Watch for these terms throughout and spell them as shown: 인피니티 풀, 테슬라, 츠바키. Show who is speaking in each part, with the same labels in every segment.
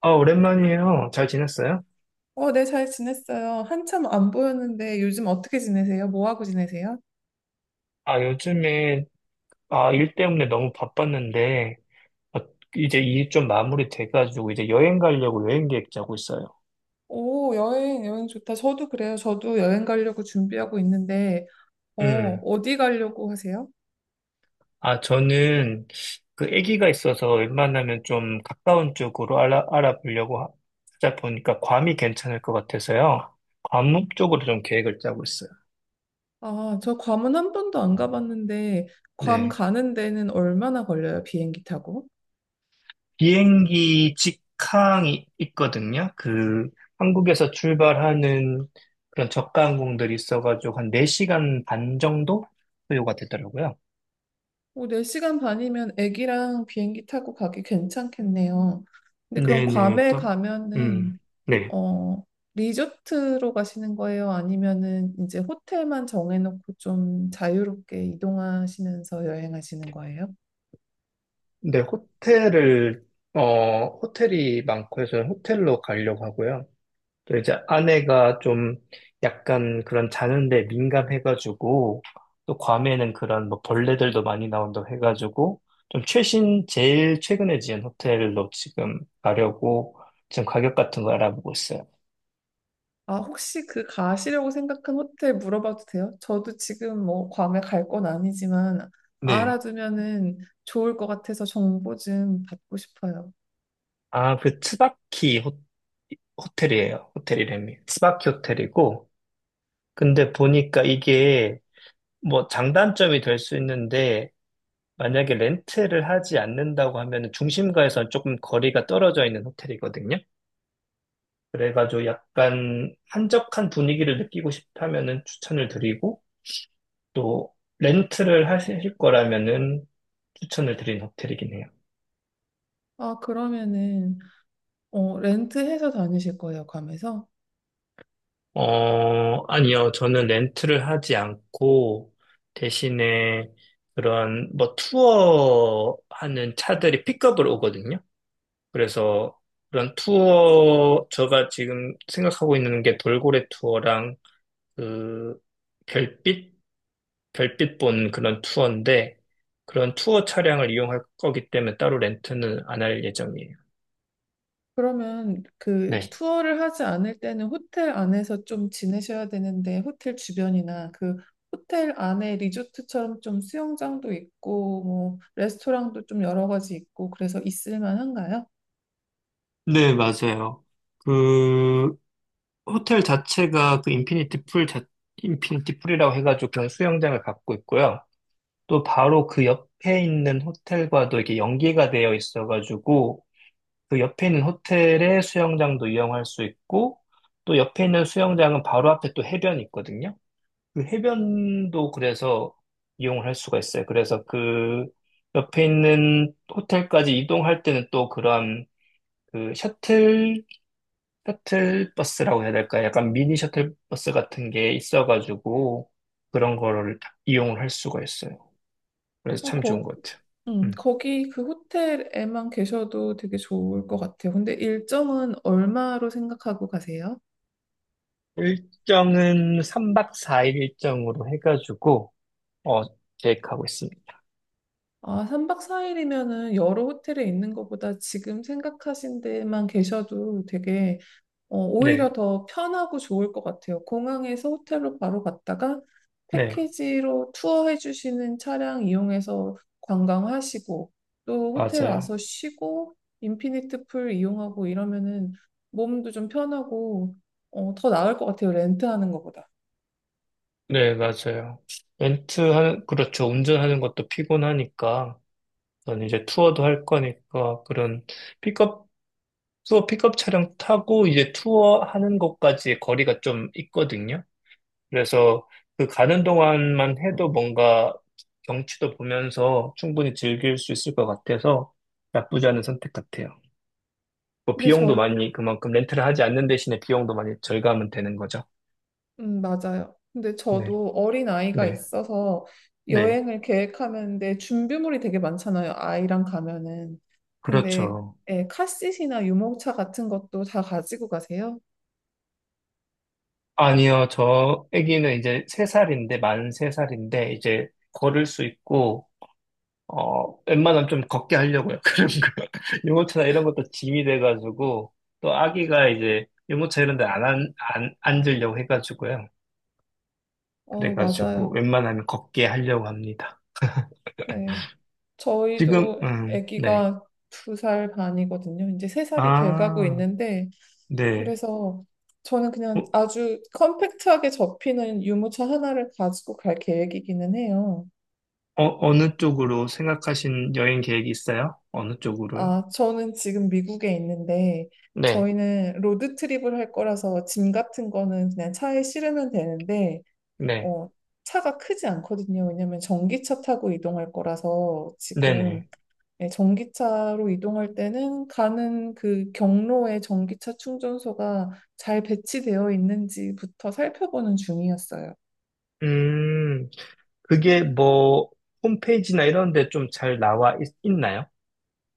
Speaker 1: 오랜만이에요. 잘 지냈어요?
Speaker 2: 네, 잘 지냈어요. 한참 안 보였는데 요즘 어떻게 지내세요? 뭐 하고 지내세요?
Speaker 1: 요즘에, 일 때문에 너무 바빴는데, 아, 이제 일 좀 마무리 돼가지고, 이제 여행 가려고 여행 계획 짜고 있어요.
Speaker 2: 오, 여행, 여행 좋다. 저도 그래요. 저도 여행 가려고 준비하고 있는데,
Speaker 1: 음.
Speaker 2: 어디 가려고 하세요?
Speaker 1: 저는 그 아기가 있어서 웬만하면 좀 가까운 쪽으로 알아보려고 하다 보니까 괌이 괜찮을 것 같아서요. 괌 쪽으로 좀 계획을 짜고 있어요.
Speaker 2: 아, 저 괌은 한 번도 안 가봤는데, 괌
Speaker 1: 네.
Speaker 2: 가는 데는 얼마나 걸려요? 비행기 타고?
Speaker 1: 비행기 직항이 있거든요. 그 한국에서 출발하는 그런 저가 항공들이 있어가지고 한 4시간 반 정도 소요가 되더라고요.
Speaker 2: 오, 4시간 반이면 애기랑 비행기 타고 가기 괜찮겠네요. 근데 그럼
Speaker 1: 네네,
Speaker 2: 괌에
Speaker 1: 또,
Speaker 2: 가면은
Speaker 1: 음, 네.
Speaker 2: 어, 리조트로 가시는 거예요? 아니면은 이제 호텔만 정해놓고 좀 자유롭게 이동하시면서 여행하시는 거예요?
Speaker 1: 네, 어, 호텔이 많고 해서 호텔로 가려고 하고요. 또 이제 아내가 좀 약간 그런 자는데 민감해가지고, 또 괌에는 그런 뭐 벌레들도 많이 나온다고 해가지고 좀 최신 제일 최근에 지은 호텔로 지금 가려고 지금 가격 같은 거 알아보고 있어요.
Speaker 2: 아, 혹시 그 가시려고 생각한 호텔 물어봐도 돼요? 저도 지금 뭐 괌에 갈 건 아니지만
Speaker 1: 네.
Speaker 2: 알아두면은 좋을 것 같아서 정보 좀 받고 싶어요.
Speaker 1: 아, 그 호텔이에요. 호텔이름이 츠바키 호텔이고, 근데 보니까 이게 뭐 장단점이 될 수 있는데, 만약에 렌트를 하지 않는다고 하면 중심가에서 조금 거리가 떨어져 있는 호텔이거든요. 그래가지고 약간 한적한 분위기를 느끼고 싶다면은 추천을 드리고, 또 렌트를 하실 거라면은 추천을 드린 호텔이긴 해요.
Speaker 2: 아, 그러면은 렌트해서 다니실 거예요, 괌에서?
Speaker 1: 어, 아니요. 저는 렌트를 하지 않고 대신에 그런 뭐 투어 하는 차들이 픽업을 오거든요. 그래서 그런 투어, 제가 지금 생각하고 있는 게 돌고래 투어랑 그 별빛, 별빛 본 그런 투어인데, 그런 투어 차량을 이용할 거기 때문에 따로 렌트는 안 할 예정이에요.
Speaker 2: 그러면
Speaker 1: 네.
Speaker 2: 그 투어를 하지 않을 때는 호텔 안에서 좀 지내셔야 되는데 호텔 주변이나 그 호텔 안에 리조트처럼 좀 수영장도 있고 뭐 레스토랑도 좀 여러 가지 있고 그래서 있을 만한가요?
Speaker 1: 네, 맞아요. 그 호텔 자체가 그 인피니티 풀이라고 해가지고 그런 수영장을 갖고 있고요. 또 바로 그 옆에 있는 호텔과도 이렇게 연계가 되어 있어가지고 그 옆에 있는 호텔에 수영장도 이용할 수 있고, 또 옆에 있는 수영장은 바로 앞에 또 해변이 있거든요. 그 해변도 그래서 이용을 할 수가 있어요. 그래서 그 옆에 있는 호텔까지 이동할 때는 또 그런 그 셔틀 버스라고 해야 될까요? 약간 미니 셔틀 버스 같은 게 있어가지고 그런 거를 다 이용을 할 수가 있어요. 그래서
Speaker 2: 어,
Speaker 1: 참 좋은
Speaker 2: 거,
Speaker 1: 것 같아요. 음.
Speaker 2: 거기 그 호텔에만 계셔도 되게 좋을 것 같아요. 근데 일정은 얼마로 생각하고 가세요?
Speaker 1: 일정은 3박 4일 일정으로 해가지고 어, 계획하고 있습니다.
Speaker 2: 아, 3박 4일이면은 여러 호텔에 있는 것보다 지금 생각하신 데만 계셔도 되게
Speaker 1: 네,
Speaker 2: 오히려 더 편하고 좋을 것 같아요. 공항에서 호텔로 바로 갔다가
Speaker 1: 네,
Speaker 2: 패키지로 투어해 주시는 차량 이용해서 관광하시고 또 호텔
Speaker 1: 맞아요.
Speaker 2: 와서 쉬고 인피니트 풀 이용하고 이러면은 몸도 좀 편하고 더 나을 것 같아요. 렌트하는 것보다.
Speaker 1: 네, 맞아요. 렌트하는, 그렇죠. 운전하는 것도 피곤하니까, 저는 이제 투어도 할 거니까, 그런 픽업, 투어 픽업 차량 타고 이제 투어 하는 것까지 거리가 좀 있거든요. 그래서 그 가는 동안만 해도 뭔가 경치도 보면서 충분히 즐길 수 있을 것 같아서 나쁘지 않은 선택 같아요. 뭐
Speaker 2: 근데
Speaker 1: 비용도 많이 그만큼 렌트를 하지 않는 대신에 비용도 많이 절감은 되는 거죠.
Speaker 2: 맞아요. 근데
Speaker 1: 네.
Speaker 2: 저도 어린 아이가
Speaker 1: 네,
Speaker 2: 있어서
Speaker 1: 네,
Speaker 2: 여행을 계획하는데 준비물이 되게 많잖아요. 아이랑 가면은. 근데
Speaker 1: 그렇죠.
Speaker 2: 예, 카시트나 유모차 같은 것도 다 가지고 가세요?
Speaker 1: 아니요, 저 아기는 이제 세살인데 이제 걸을 수 있고, 어, 웬만하면 좀 걷게 하려고요. 그런 거. 유모차나 이런 것도 짐이 돼가지고, 또 아기가 이제 유모차 이런 데 안 앉으려고 해가지고요.
Speaker 2: 맞아요.
Speaker 1: 그래가지고 웬만하면 걷게 하려고 합니다.
Speaker 2: 네.
Speaker 1: 지금,
Speaker 2: 저희도
Speaker 1: 네.
Speaker 2: 아기가 두 살 반이거든요. 이제 세 살이 돼가고
Speaker 1: 아,
Speaker 2: 있는데
Speaker 1: 네.
Speaker 2: 그래서 저는 그냥
Speaker 1: 어,
Speaker 2: 아주 컴팩트하게 접히는 유모차 하나를 가지고 갈 계획이기는 해요.
Speaker 1: 어, 어느 쪽으로 생각하신 여행 계획이 있어요? 어느 쪽으로요?
Speaker 2: 아, 저는 지금 미국에 있는데,
Speaker 1: 네,
Speaker 2: 저희는 로드트립을 할 거라서 짐 같은 거는 그냥 차에 실으면 되는데,
Speaker 1: 네.
Speaker 2: 어, 차가 크지 않거든요. 왜냐면 전기차 타고 이동할 거라서
Speaker 1: 네네.
Speaker 2: 지금 예, 전기차로 이동할 때는 가는 그 경로에 전기차 충전소가 잘 배치되어 있는지부터 살펴보는 중이었어요.
Speaker 1: 음, 그게 뭐, 홈페이지나 이런 데 좀 잘 나와 있, 나요?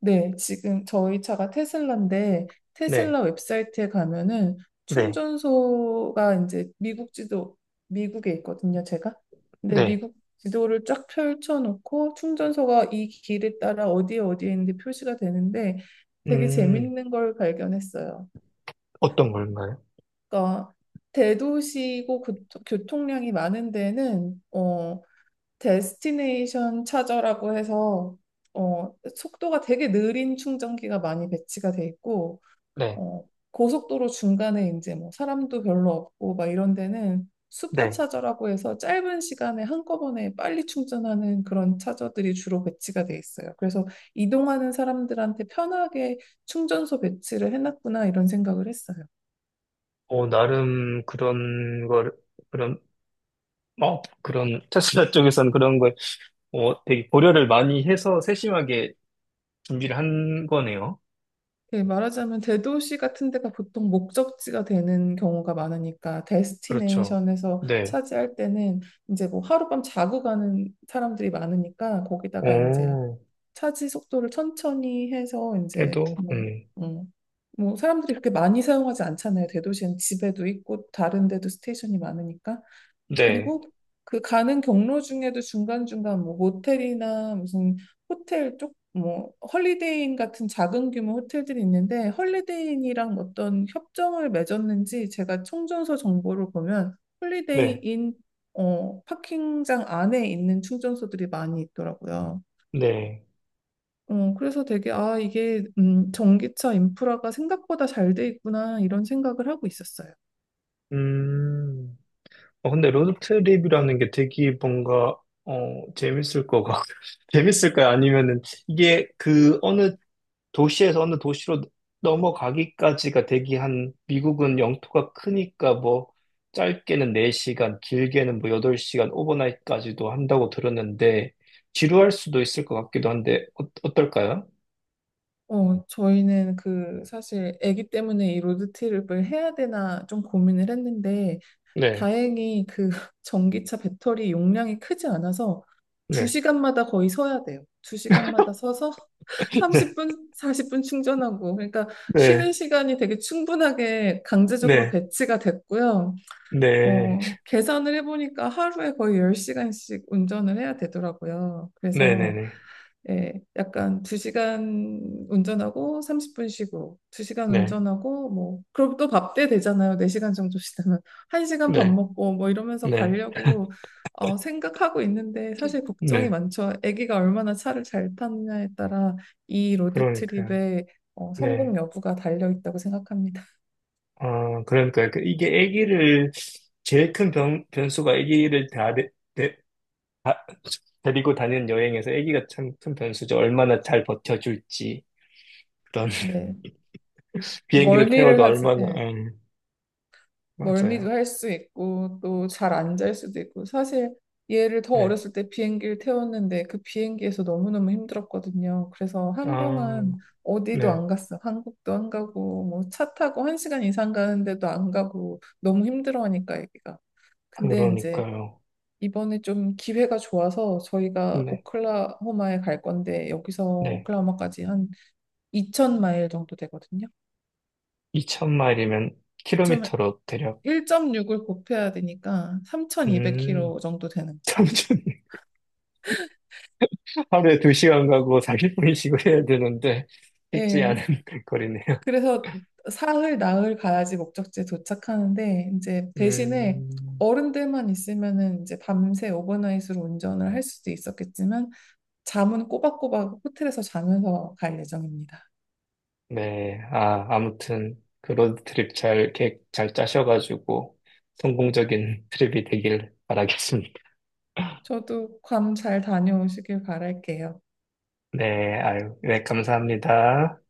Speaker 2: 네, 지금 저희 차가 테슬라인데
Speaker 1: 네,
Speaker 2: 테슬라 웹사이트에 가면은
Speaker 1: 네,
Speaker 2: 충전소가 이제 미국 지도. 미국에 있거든요, 제가. 근데
Speaker 1: 네.
Speaker 2: 미국 지도를 쫙 펼쳐놓고 충전소가 이 길에 따라 어디에 어디에 있는데 표시가 되는데 되게
Speaker 1: 음,
Speaker 2: 재밌는 걸 발견했어요.
Speaker 1: 어떤 걸까요?
Speaker 2: 그러니까 대도시고 교통량이 많은 데는 데스티네이션 차저라고 해서 속도가 되게 느린 충전기가 많이 배치가 돼 있고
Speaker 1: 네,
Speaker 2: 어, 고속도로 중간에 이제 뭐 사람도 별로 없고 막 이런 데는
Speaker 1: 네.
Speaker 2: 슈퍼차저라고 해서 짧은 시간에 한꺼번에 빨리 충전하는 그런 차저들이 주로 배치가 돼 있어요. 그래서 이동하는 사람들한테 편하게 충전소 배치를 해놨구나 이런 생각을 했어요.
Speaker 1: 어, 나름 그런, 그런, 테슬라 쪽에서는 되게 고려를 많이 해서 세심하게 준비를 한 거네요.
Speaker 2: 그 말하자면 대도시 같은 데가 보통 목적지가 되는 경우가 많으니까
Speaker 1: 그렇죠.
Speaker 2: 데스티네이션에서
Speaker 1: 네.
Speaker 2: 차지할 때는 이제 뭐 하룻밤 자고 가는 사람들이 많으니까 거기다가 이제
Speaker 1: 어,
Speaker 2: 차지 속도를 천천히 해서 이제
Speaker 1: 그래도,
Speaker 2: 뭐,
Speaker 1: 음,
Speaker 2: 음, 뭐 사람들이 그렇게 많이 사용하지 않잖아요. 대도시는 집에도 있고 다른 데도 스테이션이 많으니까.
Speaker 1: 네,
Speaker 2: 그리고 그 가는 경로 중에도 중간중간 뭐 모텔이나 무슨 호텔 쪽 뭐 헐리데이인 같은 작은 규모 호텔들이 있는데 헐리데이인이랑 어떤 협정을 맺었는지 제가 충전소 정보를 보면
Speaker 1: 네,
Speaker 2: 홀리데이인 파킹장 안에 있는 충전소들이 많이 있더라고요.
Speaker 1: 네.
Speaker 2: 그래서 되게 아 이게 전기차 인프라가 생각보다 잘 돼 있구나 이런 생각을 하고 있었어요.
Speaker 1: 음. 어, 근데 로드트립이라는 게 되게 뭔가, 어, 재밌을 것 같, 재밌을까요? 아니면은 이게 그 어느 도시에서 어느 도시로 넘어가기까지가 되게 한, 미국은 영토가 크니까 뭐, 짧게는 4시간, 길게는 뭐 8시간, 오버나잇까지도 한다고 들었는데, 지루할 수도 있을 것 같기도 한데, 어, 어떨까요?
Speaker 2: 저희는 그 사실 아기 때문에 이 로드트립을 해야 되나 좀 고민을 했는데
Speaker 1: 네,
Speaker 2: 다행히 그 전기차 배터리 용량이 크지 않아서
Speaker 1: 네,
Speaker 2: 2시간마다 거의 서야 돼요. 2시간마다 서서 30분, 40분 충전하고 그러니까 쉬는
Speaker 1: 네,
Speaker 2: 시간이 되게 충분하게 강제적으로
Speaker 1: 네,
Speaker 2: 배치가 됐고요.
Speaker 1: 네,
Speaker 2: 계산을 해보니까 하루에 거의 10시간씩 운전을 해야 되더라고요.
Speaker 1: 네, 네,
Speaker 2: 그래서
Speaker 1: 네,
Speaker 2: 예, 약간 2시간 운전하고 30분 쉬고 2시간
Speaker 1: 네,
Speaker 2: 운전하고 뭐 그럼 또 밥 때 되잖아요. 4시간 정도 쉬다면 1시간 밥
Speaker 1: 네,
Speaker 2: 먹고 뭐 이러면서
Speaker 1: 네, 네,
Speaker 2: 가려고 생각하고 있는데 사실 걱정이
Speaker 1: 네,
Speaker 2: 많죠. 아기가 얼마나 차를 잘 타느냐에 따라 이 로드
Speaker 1: 그러니까요.
Speaker 2: 트립의
Speaker 1: 네.
Speaker 2: 성공 여부가 달려 있다고 생각합니다.
Speaker 1: 어, 그러니까 그 이게 아기를 제일 변수가 아기를 다 데리고 다니는 여행에서 아기가 참 큰 변수죠. 얼마나 잘 버텨줄지 그런.
Speaker 2: 네.
Speaker 1: 비행기를 태워도
Speaker 2: 멀미를 하죠.
Speaker 1: 얼마나
Speaker 2: 멀미도
Speaker 1: 맞아요.
Speaker 2: 할 수 있고 또 잘 안 잘 수도 있고 사실 얘를 더
Speaker 1: 네.
Speaker 2: 어렸을 때 비행기를 태웠는데 그 비행기에서 너무너무 힘들었거든요. 그래서
Speaker 1: 아,
Speaker 2: 한동안 어디도
Speaker 1: 네.
Speaker 2: 안 갔어. 한국도 안 가고 뭐 차 타고 1시간 이상 가는데도 안 가고 너무 힘들어하니까 애기가. 근데 이제
Speaker 1: 그러니까요.
Speaker 2: 이번에 좀 기회가 좋아서 저희가
Speaker 1: 네.
Speaker 2: 오클라호마에 갈 건데 여기서
Speaker 1: 네.
Speaker 2: 오클라호마까지 한 2,000마일 정도 되거든요.
Speaker 1: 2천 마일이면
Speaker 2: 이천
Speaker 1: 킬로미터로 대략
Speaker 2: 1.6을 곱해야 되니까
Speaker 1: 음,
Speaker 2: 3,200km 정도 되는 거죠.
Speaker 1: 참좋 하루에 2시간 가고 40분씩 쉬고 해야 되는데 쉽지
Speaker 2: 예.
Speaker 1: 않은 거리네요.
Speaker 2: 그래서 사흘, 나흘 가야지 목적지에 도착하는데 이제 대신에
Speaker 1: 음.
Speaker 2: 어른들만 있으면은 이제 밤새 오버나잇으로 운전을 할 수도 있었겠지만 잠은 꼬박꼬박 호텔에서 자면서 갈 예정입니다.
Speaker 1: 네, 아, 아무튼 그 로드트립 잘 계획 잘 짜셔가지고 성공적인 트립이 되길 바라겠습니다.
Speaker 2: 저도 괌 잘 다녀오시길 바랄게요.
Speaker 1: 네, 아유, 네, 감사합니다.